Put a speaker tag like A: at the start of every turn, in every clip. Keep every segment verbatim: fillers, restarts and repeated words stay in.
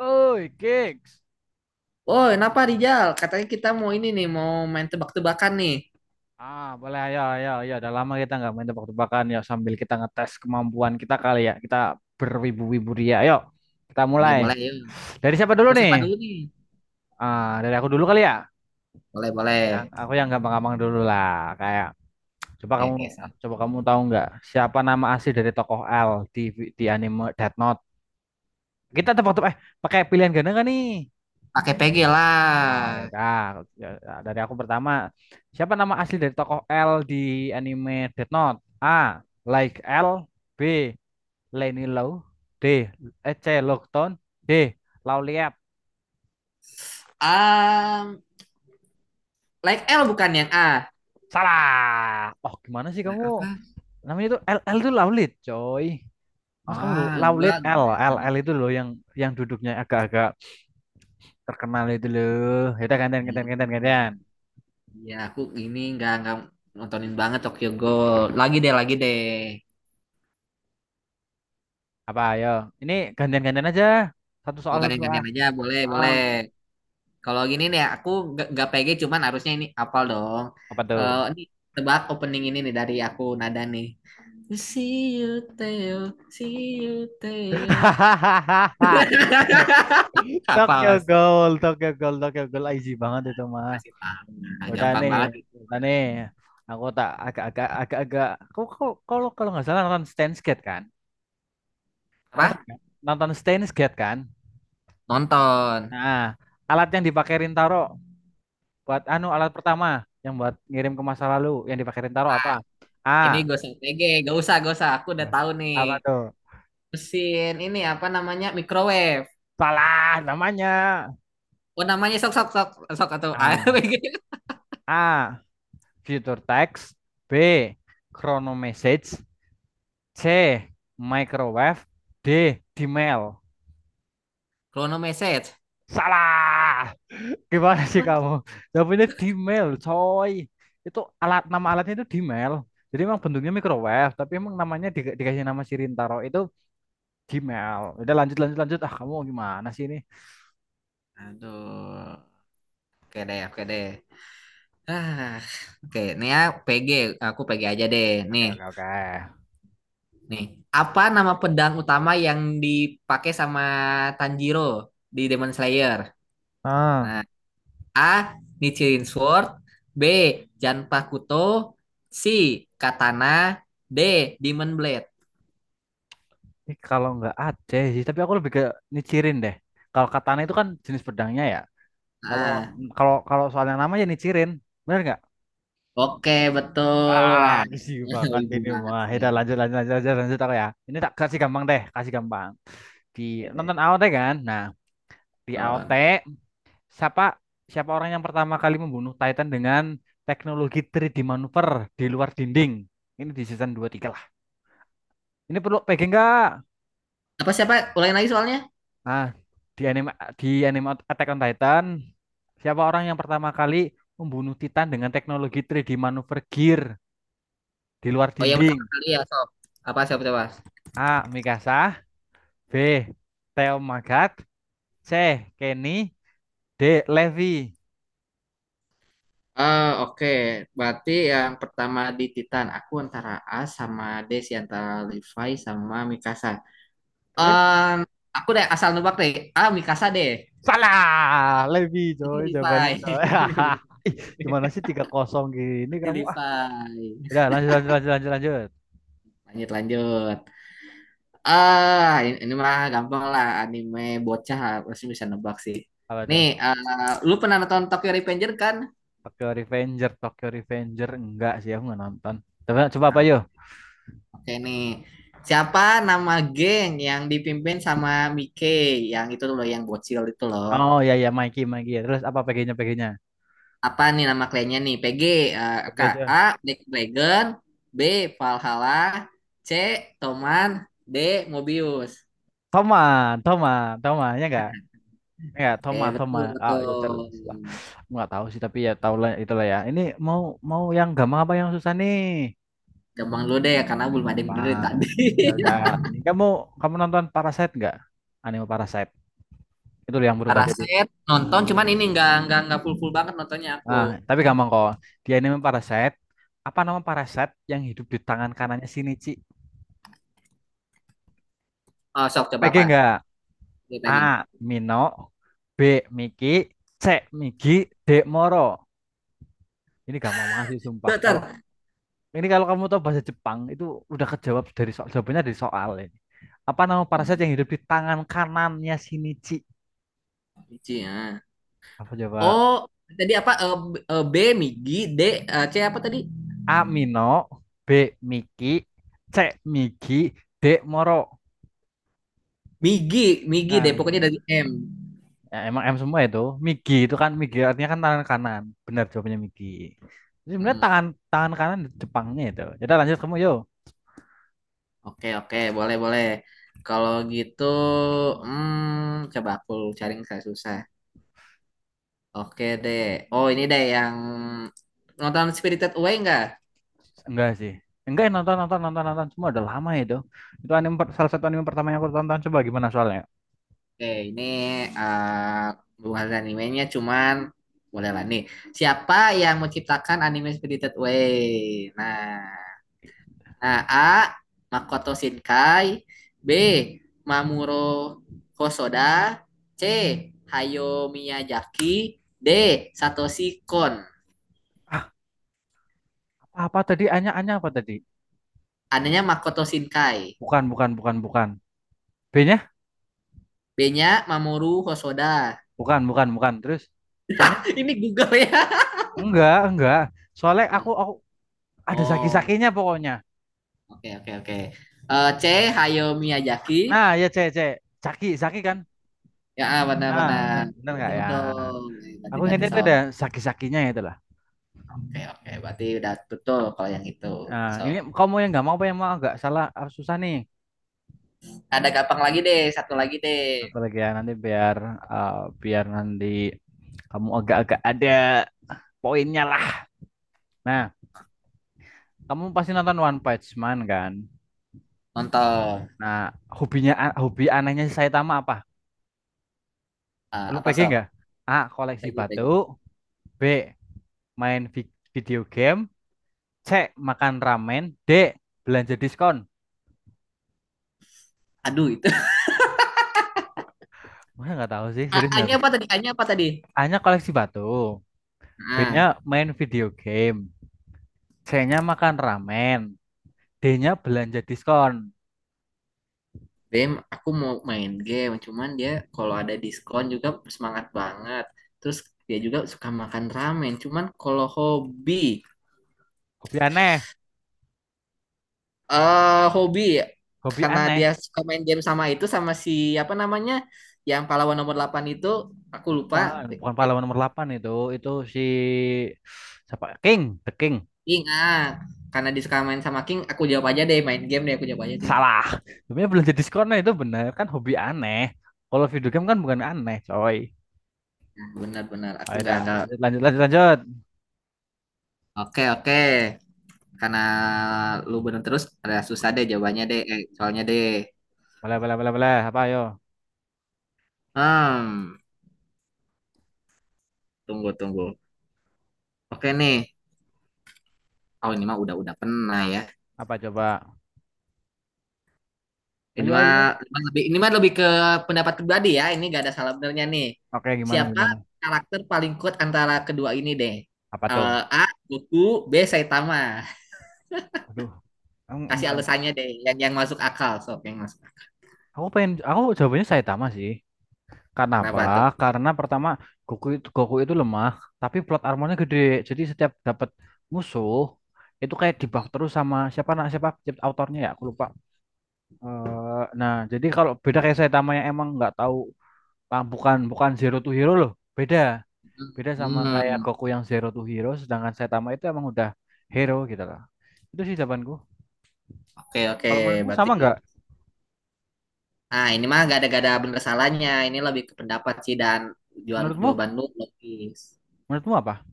A: Oi, gigs.
B: Oh, kenapa Rijal? Katanya kita mau ini nih, mau main tebak-tebakan nih.
A: Ah, boleh, ayo ayo ayo. Udah lama kita nggak main tebak-tebakan, ya sambil kita ngetes kemampuan kita kali ya. Kita berwibu-wibu dia. Ayo, kita
B: Boleh,
A: mulai.
B: boleh, yuk.
A: Dari siapa dulu
B: Mau siapa
A: nih?
B: dulu nih?
A: Ah, dari aku dulu kali ya.
B: Boleh,
A: Yang
B: boleh.
A: aku yang gampang-gampang dulu lah. Kayak coba
B: Oke,
A: kamu
B: oke, salah.
A: coba kamu tahu nggak siapa nama asli dari tokoh L di di anime Death Note? Kita tebak-tebak eh pakai pilihan ganda nggak nih?
B: Pakai P G
A: Oh ya
B: lah.
A: udah. Ya, ya, dari aku pertama. Siapa nama asli dari tokoh L di anime Death Note? A. Like L, B. Lenny Low, D. eh, C. Lockton, D. Lauliat.
B: Um, like L bukan yang A.
A: Salah. Oh gimana sih kamu?
B: Apa?
A: Namanya itu L, L itu Laulit, coy. Mas kamu lu-
B: Ah, gua
A: Laulit L L
B: kan.
A: L itu loh yang yang duduknya agak-agak terkenal itu loh. Ya udah, gantian gantian gantian gantian.
B: Ya, aku ini nggak nggak nontonin banget Tokyo Ghoul. Lagi deh, lagi deh.
A: Apa ayo? Ini gantian gantian aja. Satu
B: Oh,
A: soal satu soal.
B: gantian-gantian aja, boleh,
A: Ah,
B: boleh. Kalau gini nih, aku nggak nggak P G, cuman harusnya ini apal dong.
A: apa tuh?
B: Eh, ini tebak opening ini nih dari aku nada nih. See you, Theo. See you, Theo. Apa
A: Tokyo
B: mas?
A: Ghoul, Tokyo Ghoul, Tokyo Ghoul easy banget itu mah.
B: Kasih tangan.
A: Udah
B: Gampang
A: nih,
B: banget.
A: udah nih. Aku tak agak-agak agak-agak. Kau kau kalau kalau nggak salah nonton Steins Gate kan? Nonton,
B: Apa?
A: kan? Nonton Steins Gate kan?
B: Nonton.
A: Nah, alat yang dipakai Rintaro buat anu, alat pertama yang buat ngirim ke masa lalu yang dipakai Rintaro apa? A.
B: Ini gue T G. Gak usah, gak usah. Aku udah
A: Mas-
B: tahu nih.
A: Apa tuh?
B: Mesin ini apa namanya? Microwave.
A: Salah namanya.
B: Oh namanya sok sok sok sok atau
A: A. A. Future text. B. Chrono message. C. Microwave. D. Dimail.
B: Chrono message.
A: Salah. Gimana sih
B: Apa?
A: kamu? Jawabannya Dimail, coy. Itu alat, nama alatnya itu Dimail. Jadi emang bentuknya microwave, tapi emang namanya di- dikasih nama Sirintaro itu Dimail. Udah, lanjut lanjut lanjut. Ah, kamu gimana sih ini?
B: Aduh. Oke deh, oke deh. Ah, oke. Nih ya P G. Aku P G aja deh.
A: Oke,
B: Nih.
A: oke, oke.
B: Nih, apa nama pedang utama yang dipakai sama Tanjiro di Demon Slayer?
A: Ah,
B: Nah, A. Nichiren Sword, B. Janpakuto, C. Katana, D. Demon Blade.
A: ini kalau nggak Aceh sih, tapi aku lebih ke nicirin deh. Kalau katana itu kan jenis pedangnya ya. Kalau
B: Nah,
A: kalau kalau soalnya nama ya nicirin. Bener nggak?
B: oke
A: Ah,
B: betul. Wah,
A: easy banget
B: ibu
A: ini
B: banget
A: mah.
B: sih.
A: Kita lanjut lanjut lanjut lanjut, lanjut aku ya. Ini tak kasih gampang deh, kasih gampang. Di
B: Oke.
A: nonton A O T kan? Nah, di A O T siapa siapa orang yang pertama kali membunuh Titan dengan teknologi tiga D manuver di luar dinding? Ini di season dua tiga lah. Ini perlu P G enggak?
B: Apa siapa? Ulangin lagi soalnya?
A: Nah, di anime di anime Attack on Titan, siapa orang yang pertama kali membunuh Titan dengan teknologi tiga D manuver gear di luar
B: Oh yang pertama
A: dinding?
B: kali ya, sob. Apa siapa coba?
A: A. Mikasa, B. Theo Magat, C. Kenny, D. Levi.
B: Ah, oke. Berarti yang pertama di Titan, aku antara A sama D sih, antara Levi sama Mikasa.
A: Terus
B: Em, aku deh asal nebak deh. Ah, Mikasa deh.
A: salah, Levi
B: Berarti
A: coy
B: Levi.
A: jawabannya coy. Ih, gimana sih tiga kosong gini
B: Berarti
A: kamu ah?
B: Levi.
A: Udah, lanjut lanjut lanjut lanjut lanjut.
B: Lanjut, lanjut. Ah, ini, ini mah gampang lah. Anime bocah pasti bisa nebak sih.
A: Apa tuh?
B: Nih, eh, lu pernah nonton Tokyo Revenger kan?
A: Tokyo Revenger, Tokyo Revenger enggak sih, aku nggak nonton. Coba coba apa
B: Nah,
A: yo?
B: oke nih. Siapa nama geng yang dipimpin sama Mike yang itu loh yang bocil itu loh.
A: Oh ya ya, Mikey Mikey. Terus apa P G-nya? P G-nya
B: Apa nih nama kliennya nih? P G, eh,
A: P G
B: Kak, A,
A: aja.
B: Black Dragon, B, Valhalla, C, Toman, D, Mobius.
A: Toma Toma Toma ya, enggak enggak.
B: Oke,
A: Toma Toma,
B: betul,
A: oh ya
B: betul.
A: jelas lah. Nggak tahu sih, tapi ya tahu lah itulah ya. Ini mau mau yang gampang apa yang susah nih?
B: Gampang dulu deh karena
A: Yang
B: belum ada yang bener dari
A: gampang.
B: tadi.
A: Ya udah, ini kamu kamu nonton Parasite nggak? Anime Parasite itu yang berubah jadi
B: Paraset nonton cuman ini nggak nggak nggak full full banget nontonnya aku.
A: ah, tapi gampang kok. Di anime Parasite apa nama Parasite yang hidup di tangan kanannya Shinichi?
B: Oh, sok coba
A: P G
B: apa?
A: nggak?
B: Dia
A: A
B: lagi.
A: Mino, B Miki, C Migi, D Moro. Ini gampang banget sih sumpah kalau—
B: Dokter.
A: Ini kalau kamu tahu bahasa Jepang itu udah kejawab dari soal, jawabannya dari soal ini. Apa nama parasit yang
B: Hmm,
A: hidup di tangan kanannya Shinichi?
B: Ichi, ya.
A: Apa coba?
B: Oh, tadi apa eh, B, eh, B, Migi, D, eh, C apa tadi?
A: A. Mino, B. Miki, C. Migi, D. Moro.
B: Migi, Migi deh,
A: Nah,
B: pokoknya dari M.
A: ya, emang M semua itu. Migi itu kan, Migi artinya kan tangan kanan. Benar jawabannya Migi. Jadi sebenarnya
B: Mm,
A: tangan, tangan kanan di Jepangnya itu. Jadi lanjut kamu yo.
B: oke, oke, boleh, boleh. Kalau gitu, hmm, coba aku cari yang saya susah. Oke deh. Oh, ini deh yang nonton Spirited Away enggak?
A: Enggak sih. Enggak nonton nonton nonton nonton, semua udah lama itu. Itu anime per- salah satu anime pertama yang aku tonton. Coba gimana soalnya.
B: Oke, ini eh bukan animenya, cuman boleh lah nih. Siapa yang menciptakan anime Spirited Away? Nah. Nah, A. Makoto Shinkai. B. Mamuro Hosoda. C. Hayao Miyazaki. D. Satoshi Kon.
A: Apa tadi? Anya, Anya apa tadi?
B: Anehnya Makoto Shinkai.
A: Bukan, bukan, bukan, bukan. B-nya?
B: B-nya Mamoru Hosoda.
A: Bukan, bukan, bukan. Terus C-nya?
B: Ini Google ya.
A: Enggak, enggak. Soalnya aku, aku ada
B: Oh, oke
A: zaki-zakinya pokoknya.
B: okay, oke okay, oke. Eh, C. Hayao Miyazaki.
A: Nah, ya C, C. Zaki, zaki kan?
B: Ya, ah,
A: Ah,
B: benar-benar.
A: benar, benar nggak
B: Betul,
A: ya?
B: betul. Berarti
A: Aku
B: ganti
A: ingatnya itu
B: sob.
A: ada
B: Oke,
A: zaki-zakinya itu lah.
B: okay, oke. Okay. Berarti udah betul kalau yang itu.
A: Nah,
B: So,
A: ini kamu yang nggak mau apa yang mau agak salah? Ah, susah nih.
B: ada gampang lagi deh. Satu lagi deh.
A: Apalagi ya nanti biar ah, biar nanti kamu agak-agak ada poinnya lah. Nah, kamu pasti nonton One Punch Man kan?
B: Nonton.
A: Nah, hobinya, hobi anehnya si Saitama apa?
B: Ah,
A: Lu
B: apa
A: P G
B: sok
A: nggak? A. Koleksi
B: P J P J
A: batu. B. Main vi- video game. C. Makan ramen. D. Belanja diskon.
B: aduh itu
A: Mana nggak tahu sih,
B: A-
A: serius nggak
B: A-nya
A: tahu.
B: apa tadi A-nya apa tadi
A: A-nya koleksi batu.
B: ah.
A: B-nya main video game. C-nya makan ramen. D-nya belanja diskon.
B: Bem aku mau main game cuman dia kalau ada diskon juga semangat banget terus dia juga suka makan ramen cuman kalau hobi
A: Hobi aneh.
B: eh hobi
A: Hobi
B: karena
A: aneh.
B: dia suka main game sama itu sama si apa namanya yang pahlawan nomor delapan itu aku lupa.
A: Bukan, bukan pahlawan nomor delapan itu. Itu si siapa? King, The King.
B: King, ah, karena dia suka main sama King aku jawab aja deh main game deh aku jawab aja deh.
A: Salah. Sebenarnya belanja diskonnya itu benar kan, hobi aneh. Kalau video game kan bukan aneh, coy.
B: Nah, benar-benar aku
A: Ayo
B: nggak
A: dah,
B: nggak.
A: lanjut lanjut lanjut lanjut.
B: Oke, oke. Karena lu bener terus, ada susah deh jawabannya deh, eh, soalnya deh.
A: Boleh boleh boleh boleh. Apa ayo?
B: Hmm, tunggu, tunggu. Oke nih. Oh, ini mah udah udah pernah ya.
A: Apa coba?
B: Ini
A: Ayo
B: mah
A: ayo.
B: ini mah lebih ini mah lebih ke pendapat pribadi ya. Ini gak ada salah benernya nih.
A: Oke, gimana
B: Siapa
A: gimana?
B: karakter paling kuat antara kedua ini deh?
A: Apa tuh?
B: Eh, A. Goku, B. Saitama.
A: Aduh, em-
B: Kasih
A: enggak.
B: alasannya deh, yang yang masuk akal. Sok, yang masuk akal.
A: Aku pengen, aku jawabannya Saitama sih. Karena apa?
B: Kenapa tuh?
A: Karena pertama Goku itu, Goku itu lemah, tapi plot armornya gede. Jadi setiap dapat musuh itu kayak dibuff terus sama siapa nak, siapa autornya ya, aku lupa. Eh, nah, jadi kalau beda kayak Saitama yang emang nggak tahu Bang, bukan bukan Zero to Hero loh. Beda. Beda sama kayak
B: Hmm,
A: Goku yang Zero to Hero, sedangkan Saitama itu emang udah hero gitu loh. Itu sih jawabanku.
B: oke oke.
A: Kalau menurutmu
B: Berarti.
A: sama nggak?
B: Nah, ini mah gak ada gak ada bener salahnya. Ini lebih ke pendapat sih dan jawaban
A: Menurutmu?
B: jawaban lu logis.
A: Menurutmu apa?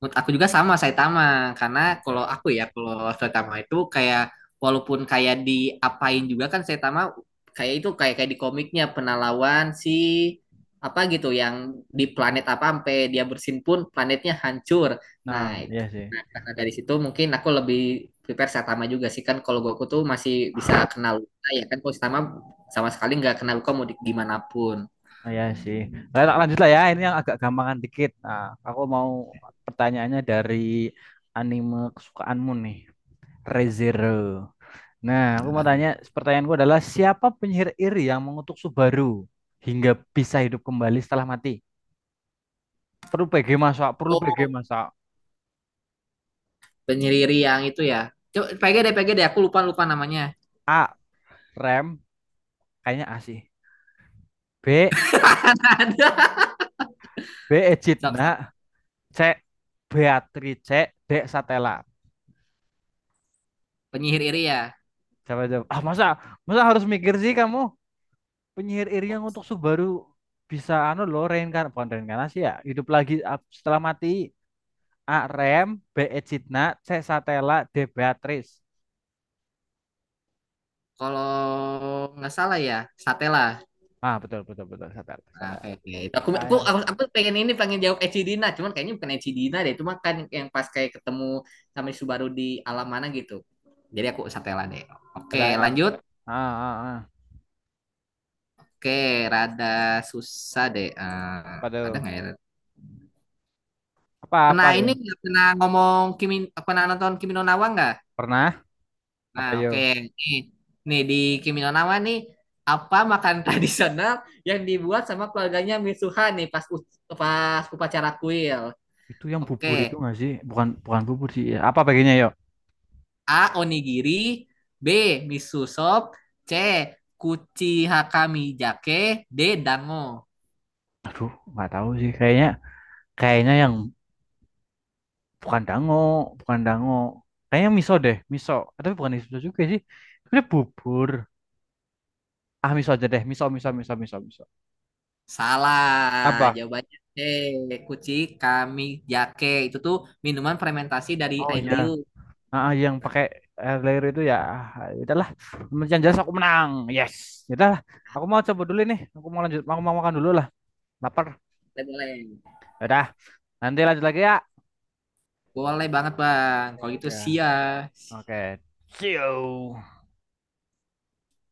B: Menurut aku juga sama Saitama karena kalau
A: Oke.
B: aku ya kalau Saitama itu kayak walaupun kayak diapain juga kan Saitama kayak itu kayak kayak di komiknya pernah lawan si apa gitu yang di planet apa sampai dia bersin pun planetnya hancur. Nah,
A: Nah, iya sih.
B: karena dari situ mungkin aku lebih prepare Saitama juga sih kan kalau Goku tuh masih bisa kenal luka ya kan kalau Saitama sama sekali nggak kenal luka mau di, gimana pun.
A: Nah, iya sih. Nah, tak lanjut lah ya. Ini yang agak gampangan dikit. Nah, aku mau pertanyaannya dari anime kesukaanmu nih, ReZero. Nah, aku
B: Hmm.
A: mau
B: Aduh.
A: tanya, pertanyaanku adalah siapa penyihir iri yang mengutuk Subaru hingga bisa hidup kembali setelah mati? Perlu P G masak, perlu P G
B: Oh,
A: masak.
B: penyihir yang itu ya. Coba P G deh, P G deh. Aku lupa lupa namanya.
A: A. Rem, kayaknya asih. B.
B: Ada.
A: B.
B: Sok, sok.
A: Ejidna, C. Beatrice, D. Satela.
B: Penyihir iri ya.
A: Jawab jawab. Ah masa, masa harus mikir sih kamu? Penyihir Irian untuk Subaru bisa anu lo reinkarn, bukan reinkarnasi ya. Hidup lagi ap- setelah mati. A. Rem, B. Ejidna, C. Satela, D. Beatrice.
B: Kalau nggak salah ya, Satela.
A: Ah betul betul betul, Satela.
B: Nah,
A: Satela.
B: oke, oke. Itu Aku,
A: Udah
B: aku,
A: ya.
B: aku, aku pengen ini, pengen jawab Eci Dina. Cuman kayaknya bukan Eci Dina deh. Cuma kan yang pas kayak ketemu sama Subaru di alam mana gitu. Jadi aku Satela deh.
A: Udah
B: Oke,
A: ya.
B: lanjut.
A: Ah, ah, ah.
B: Oke, rada susah deh. Eh,
A: Apa tuh?
B: ada nggak ya?
A: Apa
B: Pernah
A: apa ya?
B: ini nggak? Pernah ngomong Kimi, pernah nonton Kimi no Na wa nggak?
A: Pernah?
B: Nah,
A: Apa yo?
B: oke. Nih, nih di Kimi no Na wa nih, apa makan tradisional yang dibuat sama keluarganya Mitsuha nih pas u- pas upacara kuil?
A: Itu yang
B: Oke,
A: bubur itu nggak sih? Bukan bukan bubur sih. Ya, apa bagiannya yuk?
B: A. Onigiri. B. Miso soup. C. Kuchi Hakami Jake. D. Dango.
A: Aduh, nggak tahu sih. Kayaknya, kayaknya yang bukan dango, bukan dango. Kayaknya miso deh, miso. Tapi bukan miso juga sih. Sebenarnya bubur. Ah, miso aja deh. Miso, miso, miso, miso, miso.
B: Salah
A: Apa?
B: jawabannya C. Kuchi Kami Jake itu tuh minuman fermentasi dari
A: Oh
B: air
A: iya.
B: liu.
A: Ah, ah, yang pakai air layer itu ya. Ah, udahlah. Yang jelas aku menang. Yes. Udahlah. Aku mau coba dulu nih. Aku mau lanjut. Aku mau makan dulu lah. Lapar.
B: Boleh boleh.
A: Ya udah. Nanti lanjut lagi ya.
B: Boleh banget bang
A: Ya
B: kalau itu
A: udah.
B: sia
A: Oke. See you.